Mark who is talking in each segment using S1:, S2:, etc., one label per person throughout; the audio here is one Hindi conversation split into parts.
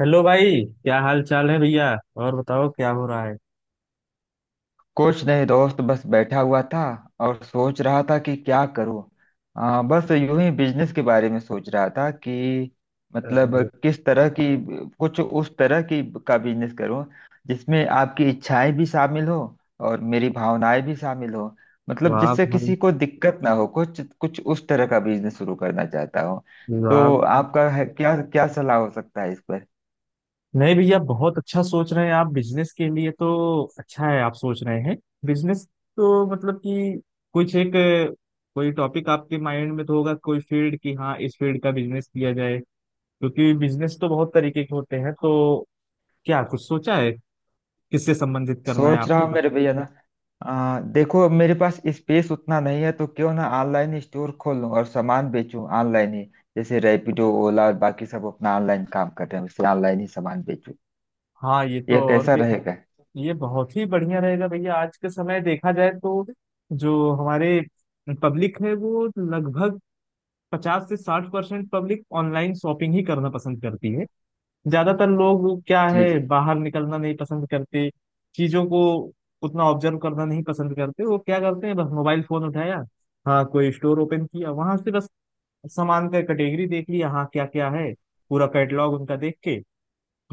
S1: हेलो भाई। क्या हाल चाल है भैया। और बताओ क्या हो रहा है।
S2: कुछ नहीं दोस्त, बस बैठा हुआ था और सोच रहा था कि क्या करूं। बस यूं ही बिजनेस के बारे में सोच रहा था कि मतलब
S1: अरे।
S2: किस तरह की कुछ उस तरह की का बिजनेस करूं जिसमें आपकी इच्छाएं भी शामिल हो और मेरी भावनाएं भी शामिल हो। मतलब
S1: वाह
S2: जिससे
S1: भाई
S2: किसी को दिक्कत ना हो, कुछ कुछ उस तरह का बिजनेस शुरू करना चाहता हूं।
S1: वाह।
S2: तो आपका है, क्या क्या सलाह हो सकता है इस पर?
S1: नहीं भैया बहुत अच्छा सोच रहे हैं आप बिजनेस के लिए तो अच्छा है आप सोच रहे हैं बिजनेस। तो मतलब कि कुछ एक कोई टॉपिक आपके माइंड में तो होगा, कोई फील्ड की, हाँ इस फील्ड का बिजनेस किया जाए। क्योंकि बिजनेस तो बहुत तरीके के होते हैं, तो क्या कुछ सोचा है, किससे संबंधित करना है
S2: सोच रहा हूँ
S1: आपको।
S2: मेरे भैया ना, देखो अब मेरे पास स्पेस उतना नहीं है, तो क्यों ना ऑनलाइन स्टोर खोल लूँ और सामान बेचूं ऑनलाइन ही। जैसे रैपिडो, ओला और बाकी सब अपना ऑनलाइन काम कर रहे हैं, उससे ऑनलाइन ही सामान बेचूं।
S1: हाँ ये तो
S2: ये
S1: और
S2: कैसा
S1: भी।
S2: रहेगा?
S1: ये बहुत ही बढ़िया रहेगा भैया। आज के समय देखा जाए तो जो हमारे पब्लिक है वो लगभग 50 से 60% पब्लिक ऑनलाइन शॉपिंग ही करना पसंद करती है। ज्यादातर लोग क्या
S2: जी
S1: है,
S2: जी।
S1: बाहर निकलना नहीं पसंद करते, चीजों को उतना ऑब्जर्व करना नहीं पसंद करते। वो क्या करते हैं, बस मोबाइल फोन उठाया, हाँ कोई स्टोर ओपन किया, वहां से बस सामान का कैटेगरी देख लिया, हाँ क्या क्या है पूरा कैटलॉग उनका देख के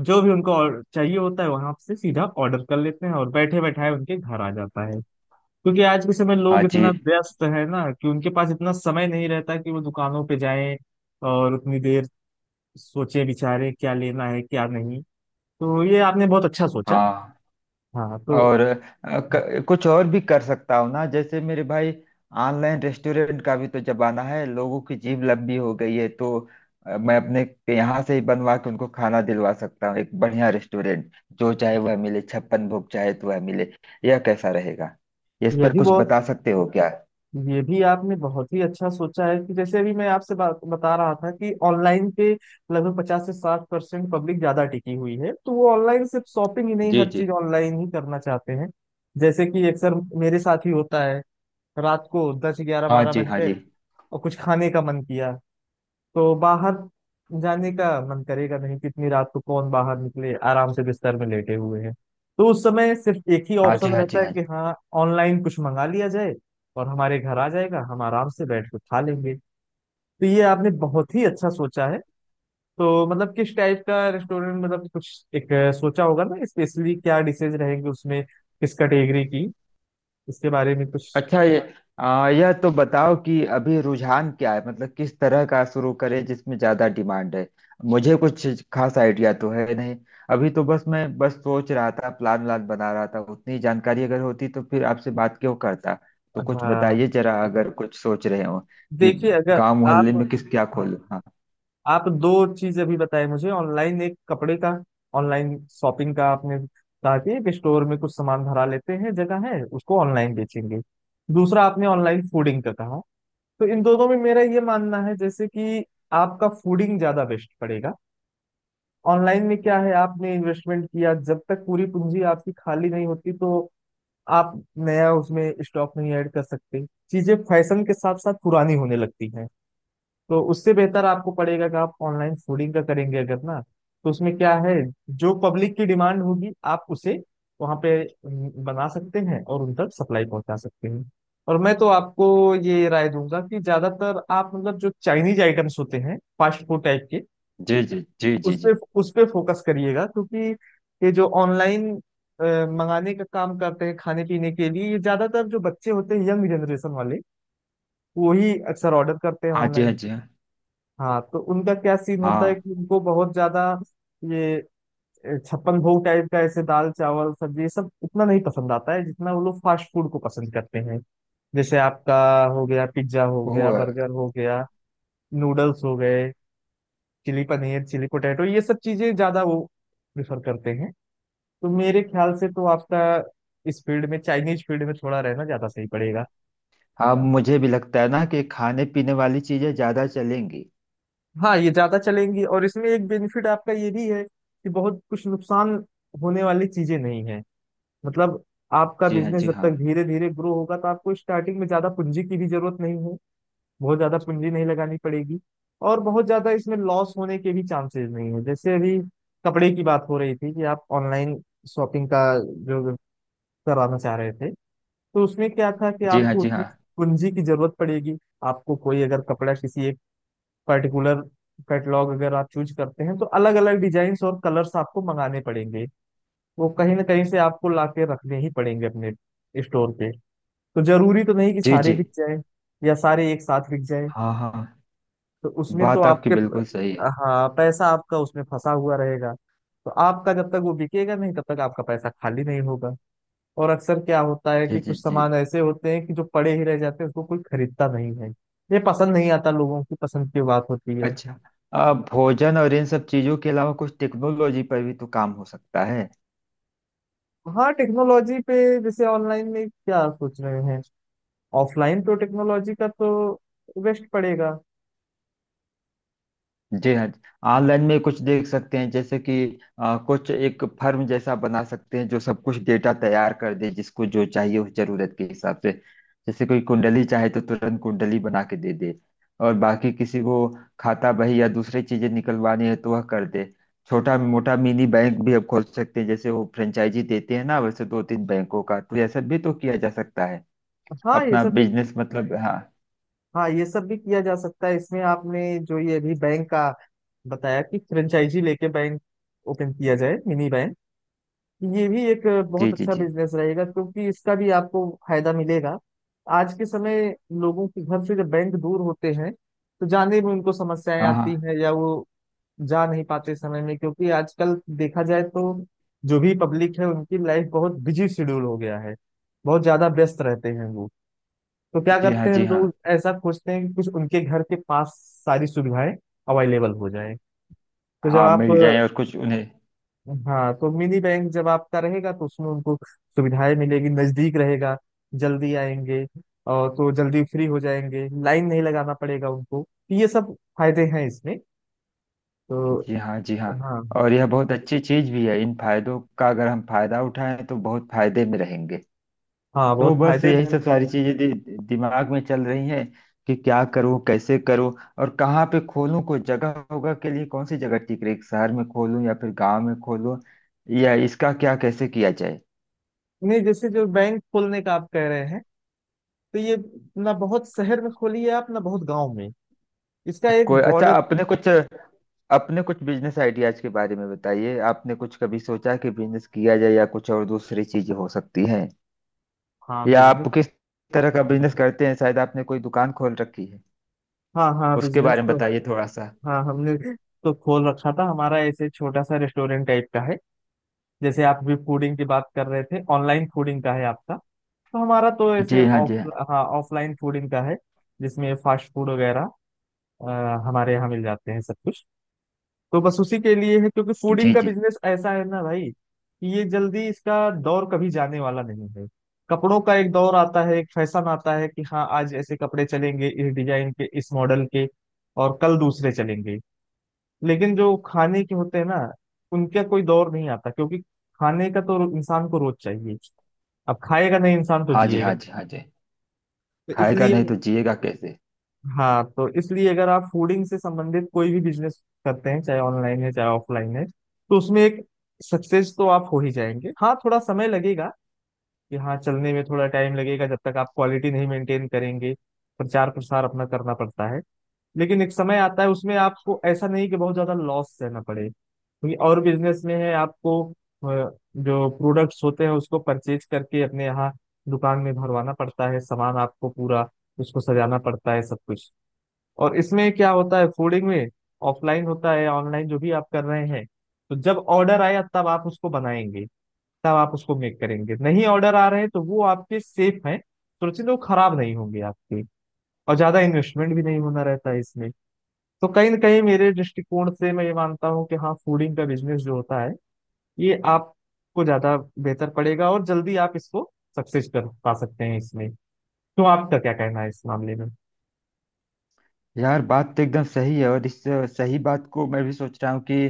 S1: जो भी उनको और चाहिए होता है वहां से सीधा ऑर्डर कर लेते हैं और बैठे बैठाए उनके घर आ जाता है। क्योंकि आज के समय
S2: हाँ
S1: लोग इतना
S2: जी
S1: व्यस्त है ना कि उनके पास इतना समय नहीं रहता कि वो दुकानों पे जाएं और उतनी देर सोचे विचारे क्या लेना है क्या नहीं। तो ये आपने बहुत अच्छा सोचा।
S2: हाँ।
S1: हाँ तो
S2: और कुछ और भी कर सकता हूँ ना जैसे मेरे भाई। ऑनलाइन रेस्टोरेंट का भी तो जमाना है, लोगों की जीभ लंबी हो गई है। तो मैं अपने यहाँ से ही बनवा के उनको खाना दिलवा सकता हूँ, एक बढ़िया रेस्टोरेंट। जो चाहे वह मिले, छप्पन भोग चाहे तो वह मिले। यह कैसा रहेगा? इस
S1: यह
S2: पर
S1: भी
S2: कुछ
S1: बहुत
S2: बता सकते हो क्या?
S1: ये भी आपने बहुत ही अच्छा सोचा है कि जैसे अभी मैं आपसे बात बता रहा था कि ऑनलाइन पे लगभग 50 से 60% पब्लिक ज्यादा टिकी हुई है, तो वो ऑनलाइन सिर्फ शॉपिंग ही नहीं,
S2: जी
S1: हर
S2: जी।
S1: चीज ऑनलाइन ही करना चाहते हैं। जैसे कि अक्सर मेरे साथ ही होता है, रात को दस ग्यारह
S2: हाँ
S1: बारह
S2: जी
S1: बज
S2: हाँ
S1: गए
S2: जी।
S1: और कुछ खाने का मन किया, तो बाहर जाने का मन करेगा नहीं, कितनी रात को कौन बाहर निकले, आराम से बिस्तर में लेटे हुए हैं। तो उस समय सिर्फ एक ही
S2: हाँ जी
S1: ऑप्शन
S2: हाँ जी
S1: रहता है
S2: हाँ
S1: कि
S2: जी।
S1: हाँ ऑनलाइन कुछ मंगा लिया जाए और हमारे घर आ जाएगा, हम आराम से बैठ के खा लेंगे। तो ये आपने बहुत ही अच्छा सोचा है। तो मतलब किस टाइप का रेस्टोरेंट, मतलब कुछ एक सोचा होगा ना, स्पेशली क्या डिशेज रहेंगे उसमें, किस कैटेगरी की, इसके बारे में कुछ।
S2: अच्छा, यह तो बताओ कि अभी रुझान क्या है, मतलब किस तरह का शुरू करें जिसमें ज्यादा डिमांड है। मुझे कुछ खास आइडिया तो है नहीं। अभी तो बस मैं बस सोच रहा था, प्लान व्लान बना रहा था। उतनी जानकारी अगर होती तो फिर आपसे बात क्यों करता? तो कुछ
S1: हाँ
S2: बताइए जरा, अगर कुछ सोच रहे हो कि
S1: देखिए अगर
S2: गांव मोहल्ले
S1: आप,
S2: में किस क्या
S1: हाँ
S2: खोलूं। हाँ।
S1: आप दो चीज अभी बताए मुझे, ऑनलाइन एक कपड़े का, ऑनलाइन शॉपिंग का आपने कहा कि एक स्टोर में कुछ सामान भरा लेते हैं, जगह है, उसको ऑनलाइन बेचेंगे। दूसरा आपने ऑनलाइन फूडिंग का कहा। तो इन दोनों में मेरा ये मानना है जैसे कि आपका फूडिंग ज्यादा बेस्ट पड़ेगा। ऑनलाइन में क्या है, आपने इन्वेस्टमेंट किया, जब तक पूरी पूंजी आपकी खाली नहीं होती तो आप नया उसमें स्टॉक नहीं ऐड कर सकते। चीजें फैशन के साथ साथ पुरानी होने लगती हैं। तो उससे बेहतर आपको पड़ेगा कि आप ऑनलाइन फूडिंग का करेंगे अगर ना, तो उसमें क्या है, जो पब्लिक की डिमांड होगी आप उसे वहां पे बना सकते हैं और उन तक सप्लाई पहुंचा सकते हैं। और मैं तो आपको ये राय दूंगा कि ज्यादातर आप, मतलब जो चाइनीज आइटम्स होते हैं फास्ट फूड टाइप के,
S2: जी जी जी जी
S1: उस
S2: जी।
S1: पे उस पे फोकस करिएगा। क्योंकि ये जो ऑनलाइन मंगाने का काम करते हैं खाने पीने के लिए, ये ज्यादातर जो बच्चे होते हैं, यंग जनरेशन वाले, वही अक्सर ऑर्डर करते हैं
S2: हाँ जी हाँ
S1: ऑनलाइन।
S2: जी हाँ
S1: हाँ तो उनका क्या सीन होता है
S2: हाँ,
S1: कि उनको बहुत ज्यादा ये छप्पन भोग टाइप का, ऐसे दाल चावल सब्जी, ये सब उतना नहीं पसंद आता है जितना वो लोग फास्ट फूड को पसंद करते हैं। जैसे आपका हो गया पिज्जा, हो गया
S2: वो,
S1: बर्गर, हो गया नूडल्स हो गए, चिली पनीर, चिली पोटैटो, ये सब चीजें ज्यादा वो प्रेफर करते हैं। तो मेरे ख्याल से तो आपका इस फील्ड में, चाइनीज फील्ड में थोड़ा रहना ज्यादा सही पड़ेगा।
S2: हाँ मुझे भी लगता है ना कि खाने पीने वाली चीजें ज्यादा चलेंगी।
S1: हाँ ये ज्यादा चलेंगी, और इसमें एक बेनिफिट आपका ये भी है कि बहुत कुछ नुकसान होने वाली चीजें नहीं है। मतलब आपका
S2: जी हाँ
S1: बिजनेस
S2: जी
S1: जब
S2: हाँ।
S1: तक धीरे धीरे ग्रो होगा, तो आपको स्टार्टिंग में ज्यादा पूंजी की भी जरूरत नहीं है, बहुत ज्यादा पूंजी नहीं लगानी पड़ेगी, और बहुत ज्यादा इसमें लॉस होने के भी चांसेस नहीं है। जैसे अभी कपड़े की बात हो रही थी कि आप ऑनलाइन शॉपिंग का जो कराना चाह रहे थे, तो उसमें क्या था कि
S2: जी हाँ
S1: आपको
S2: जी
S1: उतनी
S2: हाँ।
S1: पूंजी की जरूरत पड़ेगी। आपको कोई अगर कपड़ा किसी एक पर्टिकुलर कैटलॉग अगर आप चूज करते हैं, तो अलग अलग डिजाइन और कलर्स आपको मंगाने पड़ेंगे। वो कहीं ना कहीं से आपको लाके रखने ही पड़ेंगे अपने स्टोर पे। तो जरूरी तो नहीं कि
S2: जी
S1: सारे
S2: जी।
S1: बिक जाए या सारे एक साथ बिक जाए।
S2: हाँ हाँ,
S1: तो उसमें तो
S2: बात आपकी
S1: आपके,
S2: बिल्कुल सही है।
S1: हाँ, पैसा आपका उसमें फंसा हुआ रहेगा। तो आपका जब तक वो बिकेगा नहीं तब तक आपका पैसा खाली नहीं होगा। और अक्सर क्या होता है
S2: जी
S1: कि
S2: जी
S1: कुछ
S2: जी।
S1: सामान ऐसे होते हैं कि जो पड़े ही रह जाते हैं, उसको कोई खरीदता नहीं है, ये पसंद नहीं आता, लोगों की पसंद की बात होती है।
S2: अच्छा, भोजन और इन सब चीजों के अलावा कुछ टेक्नोलॉजी पर भी तो काम हो सकता है।
S1: हाँ टेक्नोलॉजी पे जैसे ऑनलाइन में क्या सोच रहे हैं? ऑफलाइन तो टेक्नोलॉजी का तो वेस्ट पड़ेगा।
S2: जी हाँ। ऑनलाइन में कुछ देख सकते हैं। जैसे कि कुछ एक फर्म जैसा बना सकते हैं जो सब कुछ डेटा तैयार कर दे, जिसको जो चाहिए उस जरूरत के हिसाब से। जैसे कोई कुंडली चाहे तो तुरंत कुंडली बना के दे दे, और बाकी किसी को खाता बही या दूसरी चीजें निकलवानी है तो वह कर दे। छोटा मोटा मिनी बैंक भी अब खोल सकते हैं, जैसे वो फ्रेंचाइजी देते हैं ना वैसे, दो तीन बैंकों का तो ऐसा भी तो किया जा सकता है।
S1: हाँ ये
S2: अपना
S1: सब भी
S2: बिजनेस, मतलब, हाँ।
S1: हाँ ये सब भी किया जा सकता है। इसमें आपने जो ये अभी बैंक का बताया कि फ्रेंचाइजी लेके बैंक ओपन किया जाए, मिनी बैंक, ये भी एक
S2: जी
S1: बहुत
S2: जी
S1: अच्छा
S2: जी।
S1: बिजनेस रहेगा, क्योंकि इसका भी आपको फायदा मिलेगा। आज के समय लोगों के घर से जब बैंक दूर होते हैं तो जाने में उनको समस्याएं
S2: हाँ हाँ।
S1: आती हैं, या वो जा नहीं पाते समय में। क्योंकि आजकल देखा जाए तो जो भी पब्लिक है उनकी लाइफ बहुत बिजी शेड्यूल हो गया है, बहुत ज्यादा व्यस्त रहते हैं वो। तो क्या
S2: जी हाँ
S1: करते हैं,
S2: जी हाँ।
S1: लोग ऐसा खोजते हैं कि कुछ उनके घर के पास सारी सुविधाएं अवेलेबल हो जाए। तो जब
S2: हाँ
S1: आप,
S2: मिल जाए और कुछ उन्हें।
S1: हाँ तो मिनी बैंक जब आपका रहेगा तो उसमें उनको सुविधाएं मिलेगी, नजदीक रहेगा, जल्दी आएंगे, और तो जल्दी फ्री हो जाएंगे, लाइन नहीं लगाना पड़ेगा उनको। तो ये सब फायदे हैं इसमें तो।
S2: जी हाँ जी हाँ।
S1: हाँ।
S2: और यह बहुत अच्छी चीज भी है, इन फायदों का अगर हम फायदा उठाएं तो बहुत फायदे में रहेंगे।
S1: हाँ
S2: तो
S1: बहुत
S2: बस
S1: फायदे
S2: यही
S1: हैं।
S2: सब सारी चीजें दिमाग में चल रही हैं कि क्या करूं, कैसे करूं, और कहाँ पे खोलूं। कोई जगह होगा के लिए, कौन सी जगह ठीक रहेगी, शहर में खोलूं या फिर गांव में खोलूं, या इसका क्या कैसे किया जाए?
S1: नहीं जैसे जो बैंक खोलने का आप कह रहे हैं, तो ये ना बहुत शहर में खोलिए आप, ना बहुत गांव में, इसका एक
S2: कोई अच्छा
S1: बॉर्डर।
S2: अपने कुछ बिजनेस आइडियाज के बारे में बताइए। आपने कुछ कभी सोचा कि बिजनेस किया जाए या कुछ और दूसरी चीजें हो सकती हैं?
S1: हाँ
S2: या आप
S1: बिजनेस
S2: किस तरह का बिजनेस करते हैं, शायद आपने कोई दुकान खोल रखी है,
S1: हाँ हाँ
S2: उसके
S1: बिजनेस
S2: बारे में
S1: तो,
S2: बताइए थोड़ा सा।
S1: हाँ हमने तो खोल रखा था, हमारा ऐसे छोटा सा रेस्टोरेंट टाइप का है। जैसे आप भी फूडिंग की बात कर रहे थे, ऑनलाइन फूडिंग का है आपका, तो हमारा तो ऐसे
S2: जी हाँ
S1: ऑफ
S2: जी हाँ।
S1: हाँ ऑफलाइन फूडिंग का है, जिसमें फास्ट फूड वगैरह अ, हमारे यहाँ मिल जाते हैं सब कुछ। तो बस उसी के लिए है, क्योंकि फूडिंग
S2: जी
S1: का
S2: जी।
S1: बिजनेस ऐसा है ना भाई, कि ये जल्दी इसका दौर कभी जाने वाला नहीं है। कपड़ों का एक दौर आता है, एक फैशन आता है कि हाँ आज ऐसे कपड़े चलेंगे, इस डिजाइन के इस मॉडल के, और कल दूसरे चलेंगे। लेकिन जो खाने के होते हैं ना, उनका कोई दौर नहीं आता, क्योंकि खाने का तो इंसान को रोज चाहिए। अब खाएगा नहीं इंसान तो
S2: हाँ जी
S1: जिएगा
S2: हाँ
S1: नहीं।
S2: जी हाँ जी।
S1: तो
S2: खाएगा नहीं
S1: इसलिए
S2: तो जिएगा कैसे?
S1: हाँ तो इसलिए अगर आप फूडिंग से संबंधित कोई भी बिजनेस करते हैं, चाहे ऑनलाइन है चाहे ऑफलाइन है, तो उसमें एक सक्सेस तो आप हो ही जाएंगे। हाँ थोड़ा समय लगेगा, कि हाँ चलने में थोड़ा टाइम लगेगा, जब तक आप क्वालिटी नहीं मेंटेन करेंगे, प्रचार प्रसार अपना करना पड़ता है। लेकिन एक समय आता है, उसमें आपको ऐसा नहीं कि बहुत ज्यादा लॉस सहना पड़े, क्योंकि और बिजनेस में है आपको जो प्रोडक्ट्स होते हैं उसको परचेज करके अपने यहाँ दुकान में भरवाना पड़ता है, सामान आपको पूरा उसको सजाना पड़ता है सब कुछ। और इसमें क्या होता है फूडिंग में, ऑफलाइन होता है ऑनलाइन जो भी आप कर रहे हैं, तो जब ऑर्डर आया तब आप उसको बनाएंगे, तब आप उसको मेक करेंगे, नहीं ऑर्डर आ रहे हैं तो वो आपके सेफ हैं सुरक्षित हैं, वो खराब नहीं होंगे आपके, और ज्यादा इन्वेस्टमेंट भी नहीं होना रहता है इसमें। तो कहीं ना कहीं मेरे दृष्टिकोण से मैं ये मानता हूँ कि हाँ फूडिंग का बिजनेस जो होता है, ये आपको ज्यादा बेहतर पड़ेगा, और जल्दी आप इसको सक्सेस कर पा सकते हैं इसमें। तो आपका क्या कहना है इस मामले में?
S2: यार बात तो एकदम सही है, और इस सही बात को मैं भी सोच रहा हूँ कि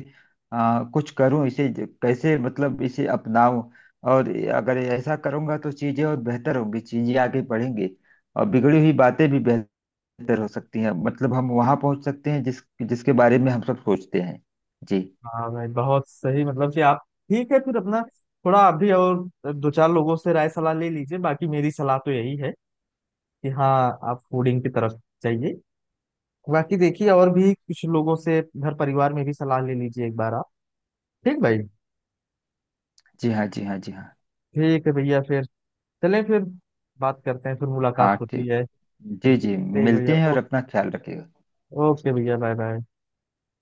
S2: कुछ करूँ इसे कैसे मतलब इसे अपनाऊं। और अगर ऐसा करूँगा तो चीज़ें और बेहतर होंगी, चीज़ें आगे बढ़ेंगी, और बिगड़ी हुई बातें भी बेहतर हो सकती हैं। मतलब हम वहाँ पहुँच सकते हैं जिसके बारे में हम सब सोचते हैं। जी।
S1: हाँ भाई बहुत सही, मतलब कि आप, ठीक है फिर अपना, थोड़ा आप भी और दो चार लोगों से राय सलाह ले लीजिए। बाकी मेरी सलाह तो यही है कि हाँ आप फूडिंग की तरफ जाइए। बाकी देखिए और भी कुछ लोगों से घर परिवार में भी सलाह ले लीजिए एक बार आप। ठीक भाई।
S2: जी हाँ जी हाँ जी हाँ।
S1: ठीक है भैया, फिर चलें, फिर बात करते हैं, फिर मुलाकात
S2: हाँ
S1: होती
S2: ठीक।
S1: है।
S2: जी जी,
S1: ठीक है भैया,
S2: मिलते हैं और अपना ख्याल रखिएगा।
S1: ओके भैया, बाय बाय।